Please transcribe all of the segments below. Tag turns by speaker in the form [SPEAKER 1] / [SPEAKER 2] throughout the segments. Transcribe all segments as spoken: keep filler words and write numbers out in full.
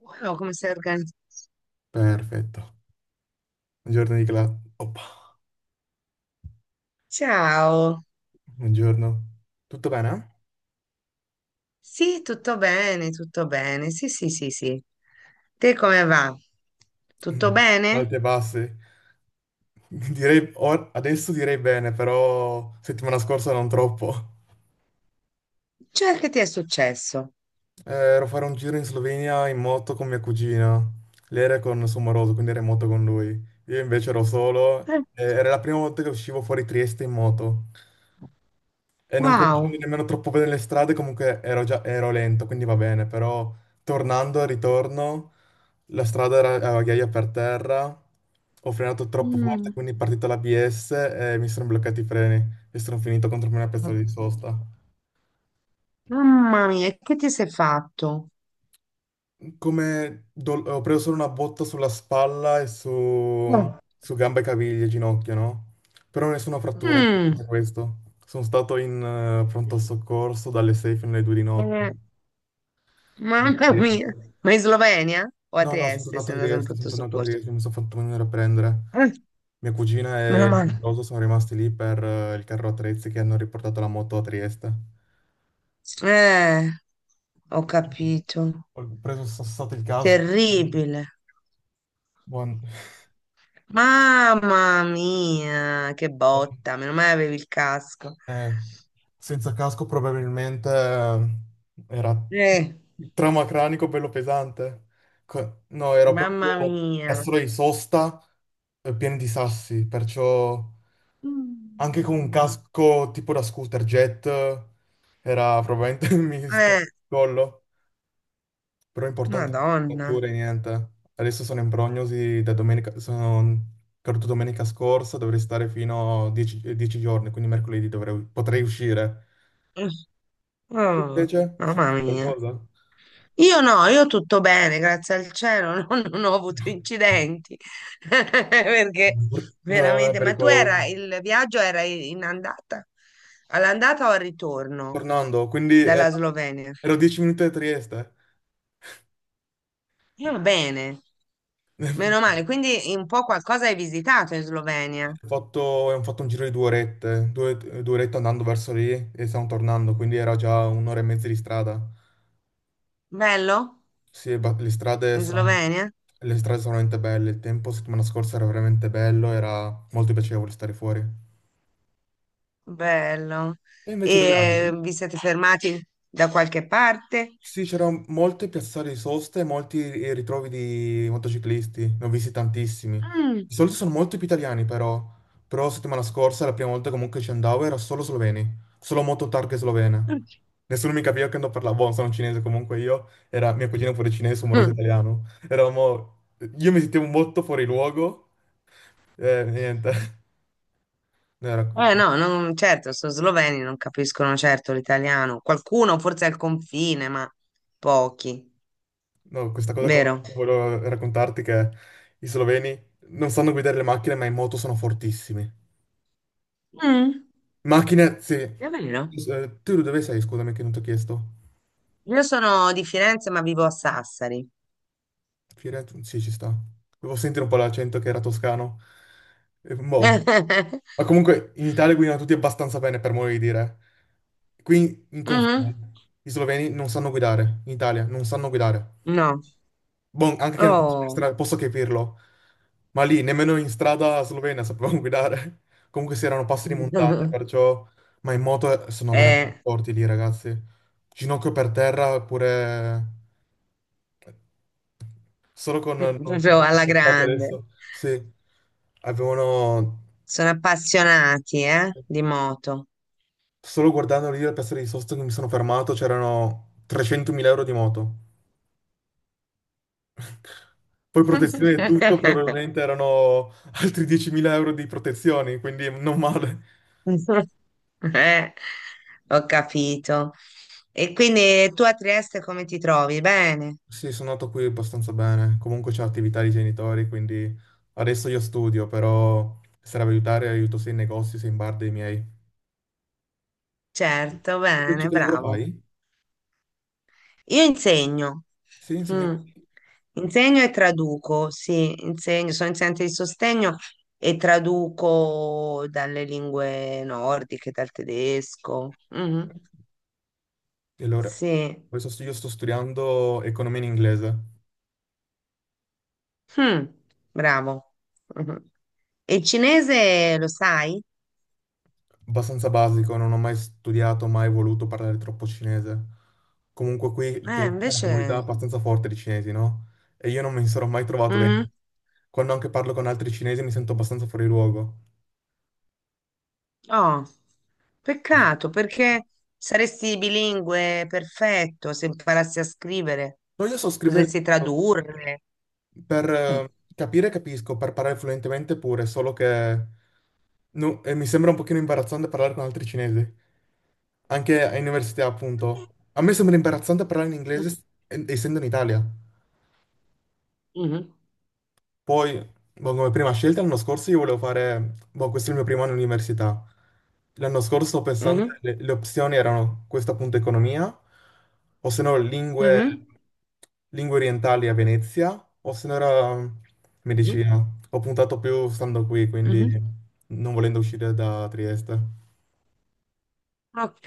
[SPEAKER 1] Wow, come sei organizzata?
[SPEAKER 2] Perfetto. Buongiorno Nicola. Oppa,
[SPEAKER 1] Ciao.
[SPEAKER 2] buongiorno. Tutto bene?
[SPEAKER 1] Sì, tutto bene, tutto bene. Sì, sì, sì, sì. Te come va?
[SPEAKER 2] Mm.
[SPEAKER 1] Tutto bene?
[SPEAKER 2] Alti e bassi. Direi, or- adesso direi bene, però settimana scorsa non troppo.
[SPEAKER 1] Cioè, che ti è successo?
[SPEAKER 2] Eh, ero a fare un giro in Slovenia in moto con mia cugina. Lei era con il suo moroso, quindi era in moto con lui. Io invece ero solo.
[SPEAKER 1] Eh,
[SPEAKER 2] Eh, era la prima volta che uscivo fuori Trieste in moto. E non conoscendo
[SPEAKER 1] wow.
[SPEAKER 2] nemmeno troppo bene le strade, comunque ero già ero lento, quindi va bene, però tornando al ritorno, la strada era a ghiaia per terra, ho frenato troppo forte,
[SPEAKER 1] Mm.
[SPEAKER 2] quindi è partita l'A B S e mi sono bloccati i freni e sono finito contro una piazzola di sosta.
[SPEAKER 1] Mamma mia, e che ti sei fatto?
[SPEAKER 2] Come dol- ho preso solo una botta sulla spalla e su,
[SPEAKER 1] Oh.
[SPEAKER 2] su gambe e caviglie, ginocchio, no? Però nessuna frattura,
[SPEAKER 1] Mm.
[SPEAKER 2] importante questo. Sono stato in eh, pronto soccorso dalle sei fino alle due di notte.
[SPEAKER 1] Eh, mamma mia. Ma in Slovenia o a
[SPEAKER 2] No, no, sono
[SPEAKER 1] Trieste
[SPEAKER 2] tornato
[SPEAKER 1] sei
[SPEAKER 2] a
[SPEAKER 1] andato in
[SPEAKER 2] Trieste, sono
[SPEAKER 1] pronto
[SPEAKER 2] tornato a
[SPEAKER 1] soccorso?
[SPEAKER 2] Trieste, mi sono fatto venire a prendere.
[SPEAKER 1] Eh,
[SPEAKER 2] Mia cugina e
[SPEAKER 1] meno
[SPEAKER 2] il
[SPEAKER 1] male.
[SPEAKER 2] sposo sono rimasti lì per eh, il carro attrezzi che hanno riportato la moto a Trieste.
[SPEAKER 1] Eh, ho capito.
[SPEAKER 2] Ho preso sassato il casco.
[SPEAKER 1] Terribile.
[SPEAKER 2] Buon.
[SPEAKER 1] Mamma mia, che
[SPEAKER 2] buon-
[SPEAKER 1] botta, meno male avevi il casco.
[SPEAKER 2] eh, Senza casco probabilmente eh, era
[SPEAKER 1] Eh,
[SPEAKER 2] trauma cranico bello pesante. Co- No, ero
[SPEAKER 1] mamma
[SPEAKER 2] proprio
[SPEAKER 1] mia.
[SPEAKER 2] castro di sosta eh, pieno di sassi, perciò... Anche con un
[SPEAKER 1] Mm.
[SPEAKER 2] casco tipo da scooter jet era probabilmente mi stava il
[SPEAKER 1] Eh,
[SPEAKER 2] collo, però è importante anche la fattura,
[SPEAKER 1] Madonna.
[SPEAKER 2] niente. Adesso sono in prognosi da domenica, sono caduto domenica scorsa, dovrei stare fino a dieci, dieci giorni, quindi mercoledì dovrei- potrei uscire.
[SPEAKER 1] Eh,
[SPEAKER 2] Tu
[SPEAKER 1] Oh,
[SPEAKER 2] invece, sì,
[SPEAKER 1] mamma mia.
[SPEAKER 2] qualcosa?
[SPEAKER 1] Io no, io tutto bene, grazie al cielo, non, non ho avuto incidenti. Perché
[SPEAKER 2] No, è
[SPEAKER 1] veramente, ma tu
[SPEAKER 2] pericoloso.
[SPEAKER 1] era il viaggio era in andata? All'andata o al ritorno
[SPEAKER 2] Tornando, quindi ero,
[SPEAKER 1] dalla Slovenia?
[SPEAKER 2] ero dieci minuti da Trieste.
[SPEAKER 1] E va bene, meno male. Quindi un po' qualcosa hai visitato in Slovenia.
[SPEAKER 2] Ho fatto, abbiamo fatto un giro di due orette, due, due orette andando verso lì e stiamo tornando, quindi era già un'ora e mezza di strada.
[SPEAKER 1] Bello?
[SPEAKER 2] Sì, ba- le strade
[SPEAKER 1] In
[SPEAKER 2] sono,
[SPEAKER 1] Slovenia?
[SPEAKER 2] le strade sono veramente belle, il tempo settimana scorsa era veramente bello, era molto piacevole stare fuori.
[SPEAKER 1] Bello.
[SPEAKER 2] E invece dove
[SPEAKER 1] E eh,
[SPEAKER 2] abiti?
[SPEAKER 1] vi siete fermati da qualche parte?
[SPEAKER 2] Sì, c'erano molte piazzate di sosta e molti ritrovi di motociclisti, ne ho visti tantissimi.
[SPEAKER 1] Mm.
[SPEAKER 2] Di solito sono molto più italiani però, però la settimana scorsa, la prima volta comunque ci andavo, era solo sloveni, solo moto targhe slovene. Nessuno mi capiva che non parlavo, buono, sono cinese comunque io, era mia cugina pure cinese, sono moroso
[SPEAKER 1] Mm.
[SPEAKER 2] italiano. Eravamo, io mi sentivo molto fuori luogo, e niente. No, era-
[SPEAKER 1] Eh no, non- certo, sono sloveni, non capiscono certo l'italiano. Qualcuno forse al confine, ma pochi,
[SPEAKER 2] no, questa cosa con...
[SPEAKER 1] vero?
[SPEAKER 2] volevo raccontarti che i sloveni non sanno guidare le macchine, ma in moto sono fortissimi.
[SPEAKER 1] Mm,
[SPEAKER 2] Macchine, sì.
[SPEAKER 1] è vero.
[SPEAKER 2] Eh, tu dove sei, scusami, che non ti ho chiesto?
[SPEAKER 1] Io sono di Firenze, ma vivo a Sassari.
[SPEAKER 2] Firenze? Sì, ci sta. Devo sentire un po' l'accento che era toscano. Eh, boh. Ma comunque in Italia guidano tutti abbastanza bene, per modo di dire. Qui in
[SPEAKER 1] Mhm.
[SPEAKER 2] confine, i sloveni non sanno guidare, in Italia non sanno guidare.
[SPEAKER 1] No.
[SPEAKER 2] Boh, anche che non conosco la
[SPEAKER 1] Oh.
[SPEAKER 2] strada, posso capirlo. Ma lì, nemmeno in strada slovena sapevamo guidare. Comunque si erano passi di montagna, perciò... Ma in moto eh, sono
[SPEAKER 1] Eh,
[SPEAKER 2] veramente forti lì, ragazzi. Ginocchio per terra, oppure... Solo con... Non, non
[SPEAKER 1] proprio alla
[SPEAKER 2] sono stati
[SPEAKER 1] grande.
[SPEAKER 2] adesso. Sì. Avevano...
[SPEAKER 1] Sono appassionati, eh, di moto.
[SPEAKER 2] Solo guardando lì la piazza di sosta che mi sono fermato, c'erano trecentomila euro di moto. Poi protezione e tutto, probabilmente erano altri diecimila euro di protezioni, quindi non male.
[SPEAKER 1] Eh, ho capito. E quindi tu a Trieste come ti trovi? Bene,
[SPEAKER 2] Sì, sono nato qui abbastanza bene. Comunque c'è attività dei genitori, quindi adesso io studio, però se serve aiutare, aiuto sia in negozi sia in bar dei miei.
[SPEAKER 1] certo,
[SPEAKER 2] Invece
[SPEAKER 1] bene,
[SPEAKER 2] che lavoro
[SPEAKER 1] bravo.
[SPEAKER 2] fai?
[SPEAKER 1] Io insegno.
[SPEAKER 2] Sì, insegnante.
[SPEAKER 1] Mm. Insegno e traduco, sì, insegno, sono insegnante di sostegno e traduco dalle lingue nordiche, dal tedesco. Mhm.
[SPEAKER 2] E allora,
[SPEAKER 1] Sì.
[SPEAKER 2] adesso io sto studiando economia in inglese.
[SPEAKER 1] Mm, bravo. Mhm. E il cinese lo sai?
[SPEAKER 2] Abbastanza basico, non ho mai studiato, mai voluto parlare troppo cinese. Comunque qui c'è
[SPEAKER 1] Eh,
[SPEAKER 2] una comunità
[SPEAKER 1] invece...
[SPEAKER 2] abbastanza forte di cinesi, no? E io non mi sarò mai trovato
[SPEAKER 1] Mhm.
[SPEAKER 2] dentro. Quando anche parlo con altri cinesi mi sento abbastanza fuori luogo.
[SPEAKER 1] Oh, peccato, perché saresti bilingue perfetto se imparassi a scrivere.
[SPEAKER 2] No, io so scrivere
[SPEAKER 1] Potresti tradurre.
[SPEAKER 2] per
[SPEAKER 1] Mm.
[SPEAKER 2] eh, capire, capisco, per parlare fluentemente pure, solo che no, e mi sembra un pochino imbarazzante parlare con altri cinesi, anche all'università, appunto. A me sembra imbarazzante parlare in inglese eh, essendo in Italia.
[SPEAKER 1] Mhm.
[SPEAKER 2] Poi, boh, come prima scelta, l'anno scorso io volevo fare, boh, questo è il mio primo anno di università. L'anno scorso sto pensando,
[SPEAKER 1] Mhm.
[SPEAKER 2] le, le opzioni erano questa appunto economia, o se no lingue,
[SPEAKER 1] Mhm.
[SPEAKER 2] lingue orientali a Venezia, o se no era
[SPEAKER 1] Mhm.
[SPEAKER 2] medicina. Ho puntato più stando qui, quindi
[SPEAKER 1] Mhm.
[SPEAKER 2] non volendo uscire da Trieste.
[SPEAKER 1] Ok,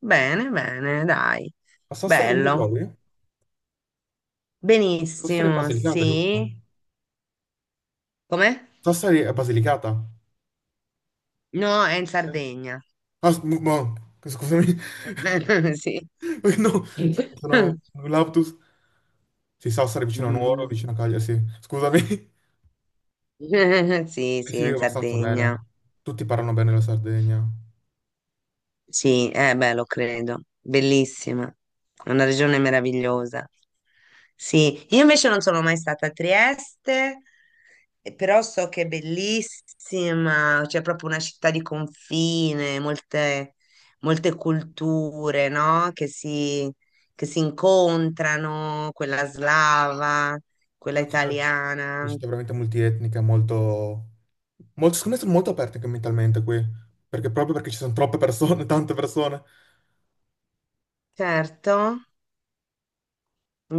[SPEAKER 1] bene, bene, dai.
[SPEAKER 2] A Sassari come ti
[SPEAKER 1] Bello.
[SPEAKER 2] trovi? Sassari è
[SPEAKER 1] Benissimo,
[SPEAKER 2] Basilicata, giusto?
[SPEAKER 1] sì. Com'è?
[SPEAKER 2] Sassari è Basilicata.
[SPEAKER 1] No, è in Sardegna.
[SPEAKER 2] Ah, s- boh, scusami.
[SPEAKER 1] Sì.
[SPEAKER 2] No, sono
[SPEAKER 1] Mhm.
[SPEAKER 2] un lapsus. Sì, Sassari vicino a Nuoro, vicino a Cagliari, sì. Scusami,
[SPEAKER 1] Sì,
[SPEAKER 2] Eh si
[SPEAKER 1] sì,
[SPEAKER 2] vive
[SPEAKER 1] in
[SPEAKER 2] abbastanza
[SPEAKER 1] Sardegna.
[SPEAKER 2] bene. Tutti parlano bene la Sardegna.
[SPEAKER 1] Sì, eh beh, lo credo. Bellissima. È una regione meravigliosa. Sì, io invece non sono mai stata a Trieste, eh, però so che è bellissima, c'è proprio una città di confine, molte, molte culture, no? Che si, che si incontrano, quella slava, quella
[SPEAKER 2] No, sì, è una
[SPEAKER 1] italiana.
[SPEAKER 2] città veramente multietnica, molto... molto... Secondo me sono molto aperte anche mentalmente qui, perché proprio perché ci sono troppe persone, tante persone,
[SPEAKER 1] Certo,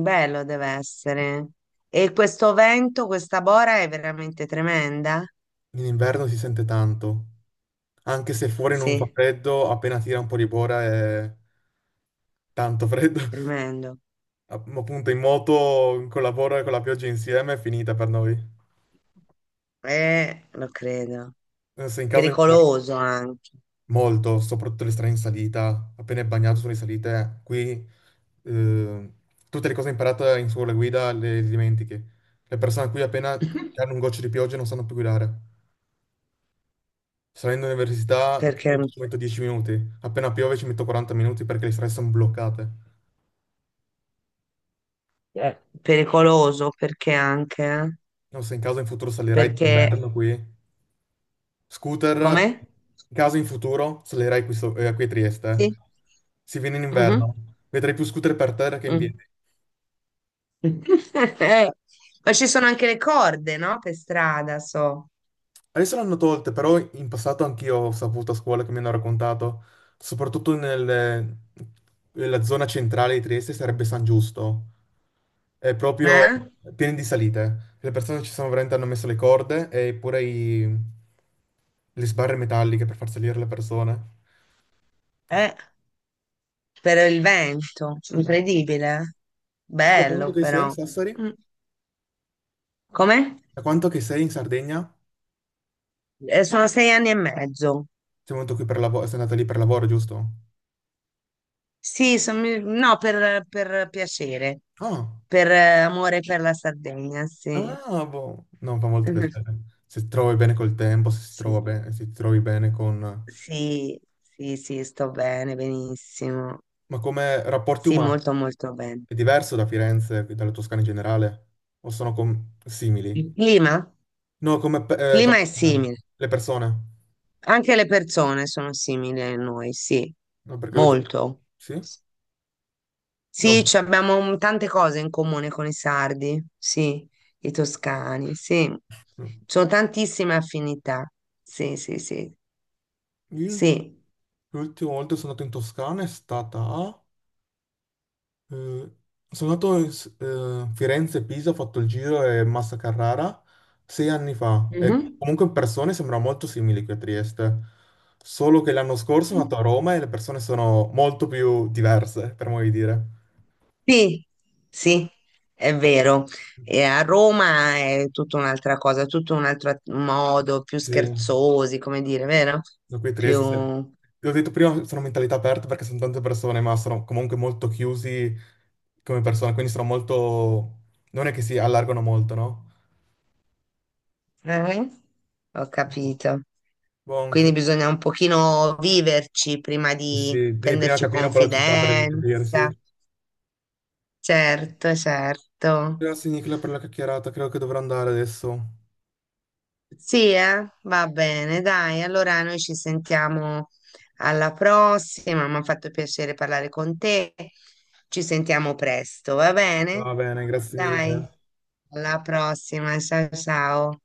[SPEAKER 1] bello deve essere. E questo vento, questa bora è veramente tremenda?
[SPEAKER 2] in inverno si sente tanto. Anche se fuori non fa
[SPEAKER 1] Sì,
[SPEAKER 2] freddo, appena tira un po' di bora è tanto freddo.
[SPEAKER 1] tremendo.
[SPEAKER 2] App- Appunto in moto, con la bora e con la pioggia insieme è finita per noi.
[SPEAKER 1] Eh, lo credo.
[SPEAKER 2] Se in casa
[SPEAKER 1] Pericoloso anche.
[SPEAKER 2] molto, soprattutto le strade in salita, appena è bagnato sulle salite, qui eh, tutte le cose imparate in scuola guida le dimentichi. Le persone qui appena che hanno un goccio di pioggia non sanno più guidare. Salendo all'università di
[SPEAKER 1] Perché
[SPEAKER 2] solito ci metto dieci minuti, appena piove ci metto quaranta minuti perché le strade sono bloccate.
[SPEAKER 1] Eh, pericoloso perché anche eh?
[SPEAKER 2] Non so, in caso in futuro salirai
[SPEAKER 1] Perché
[SPEAKER 2] d'inverno qui. Scooter,
[SPEAKER 1] com'è?
[SPEAKER 2] in caso in futuro salirai qui, so- eh, qui a Trieste. eh.
[SPEAKER 1] Sì.
[SPEAKER 2] Si viene in
[SPEAKER 1] Mhm.
[SPEAKER 2] inverno, vedrai più scooter per terra che in
[SPEAKER 1] Mm.
[SPEAKER 2] piedi.
[SPEAKER 1] Eh, Ma ci sono anche le corde, no? Per strada, so.
[SPEAKER 2] Adesso l'hanno tolte, però in passato anch'io ho saputo a scuola che mi hanno raccontato, soprattutto nel- nella zona centrale di Trieste sarebbe San Giusto, è proprio
[SPEAKER 1] Eh?
[SPEAKER 2] pieno di salite. Le persone ci sono veramente hanno messo le corde e pure i- le sbarre metalliche per far salire le persone.
[SPEAKER 1] Eh, per il vento,
[SPEAKER 2] Mhm.
[SPEAKER 1] incredibile.
[SPEAKER 2] Tu da quanto
[SPEAKER 1] Bello
[SPEAKER 2] che sei a
[SPEAKER 1] però.
[SPEAKER 2] Sassari?
[SPEAKER 1] Mm. Come?
[SPEAKER 2] Da quanto che sei in Sardegna?
[SPEAKER 1] Eh, sono sei anni e mezzo.
[SPEAKER 2] Sei venuto qui per lavoro, sei andato lì per lavoro, giusto?
[SPEAKER 1] Sì, son- mi- no, per, per piacere,
[SPEAKER 2] Ah.
[SPEAKER 1] per eh, amore per la Sardegna, sì.
[SPEAKER 2] Ah, boh. No, fa molto
[SPEAKER 1] Mhm.
[SPEAKER 2] piacere. Se ti trovi bene col tempo, se si trova
[SPEAKER 1] Sì,
[SPEAKER 2] bene, se ti trovi bene con...
[SPEAKER 1] sì, sì, sì, sto bene, benissimo.
[SPEAKER 2] Ma come rapporti
[SPEAKER 1] Sì,
[SPEAKER 2] umani?
[SPEAKER 1] molto, molto bene.
[SPEAKER 2] È diverso da Firenze, dalla Toscana in generale? O sono com- simili?
[SPEAKER 1] Il clima?
[SPEAKER 2] No, come pe-
[SPEAKER 1] Il
[SPEAKER 2] eh,
[SPEAKER 1] clima è
[SPEAKER 2] persone.
[SPEAKER 1] simile.
[SPEAKER 2] Le persone.
[SPEAKER 1] Anche le persone sono simili a noi, sì,
[SPEAKER 2] No, perché l'ultimo...
[SPEAKER 1] molto.
[SPEAKER 2] Sì? No.
[SPEAKER 1] Sì, ci abbiamo un- tante cose in comune con i sardi, sì, i toscani, sì. Ci sono tantissime affinità. Sì, sì, sì,
[SPEAKER 2] Io
[SPEAKER 1] sì.
[SPEAKER 2] l'ultima volta che sono andato in Toscana è stata a... Mm, sono andato in S- eh, Firenze e Pisa, ho fatto il giro e Massa Carrara sei anni fa e
[SPEAKER 1] Mhm.
[SPEAKER 2] comunque in persone sembra molto simile qui a Trieste, solo che l'anno scorso sono andato a Roma e le persone sono molto più diverse, per modo di dire.
[SPEAKER 1] Sì, sì, è vero. E a Roma è tutta un'altra cosa, tutto un altro at- modo, più
[SPEAKER 2] Sì.
[SPEAKER 1] scherzosi, come dire, vero?
[SPEAKER 2] Da qui a
[SPEAKER 1] Più
[SPEAKER 2] Trieste, se- l'ho detto prima, sono mentalità aperte perché sono tante persone, ma sono comunque molto chiusi come persone, quindi sono molto... non è che si allargano molto, no?
[SPEAKER 1] Eh? Ho capito.
[SPEAKER 2] Buon,
[SPEAKER 1] Quindi bisogna un pochino viverci prima di
[SPEAKER 2] sì, devi prima
[SPEAKER 1] prenderci
[SPEAKER 2] capire un po' la città per
[SPEAKER 1] confidenza.
[SPEAKER 2] capirsi.
[SPEAKER 1] Certo, certo.
[SPEAKER 2] Grazie Nicola per la chiacchierata, credo che dovrò andare adesso.
[SPEAKER 1] Sì, eh? Va bene, dai. Allora noi ci sentiamo alla prossima. Mi ha fatto piacere parlare con te. Ci sentiamo presto, va bene?
[SPEAKER 2] Va bene, grazie mille.
[SPEAKER 1] Dai, alla prossima. Ciao, ciao.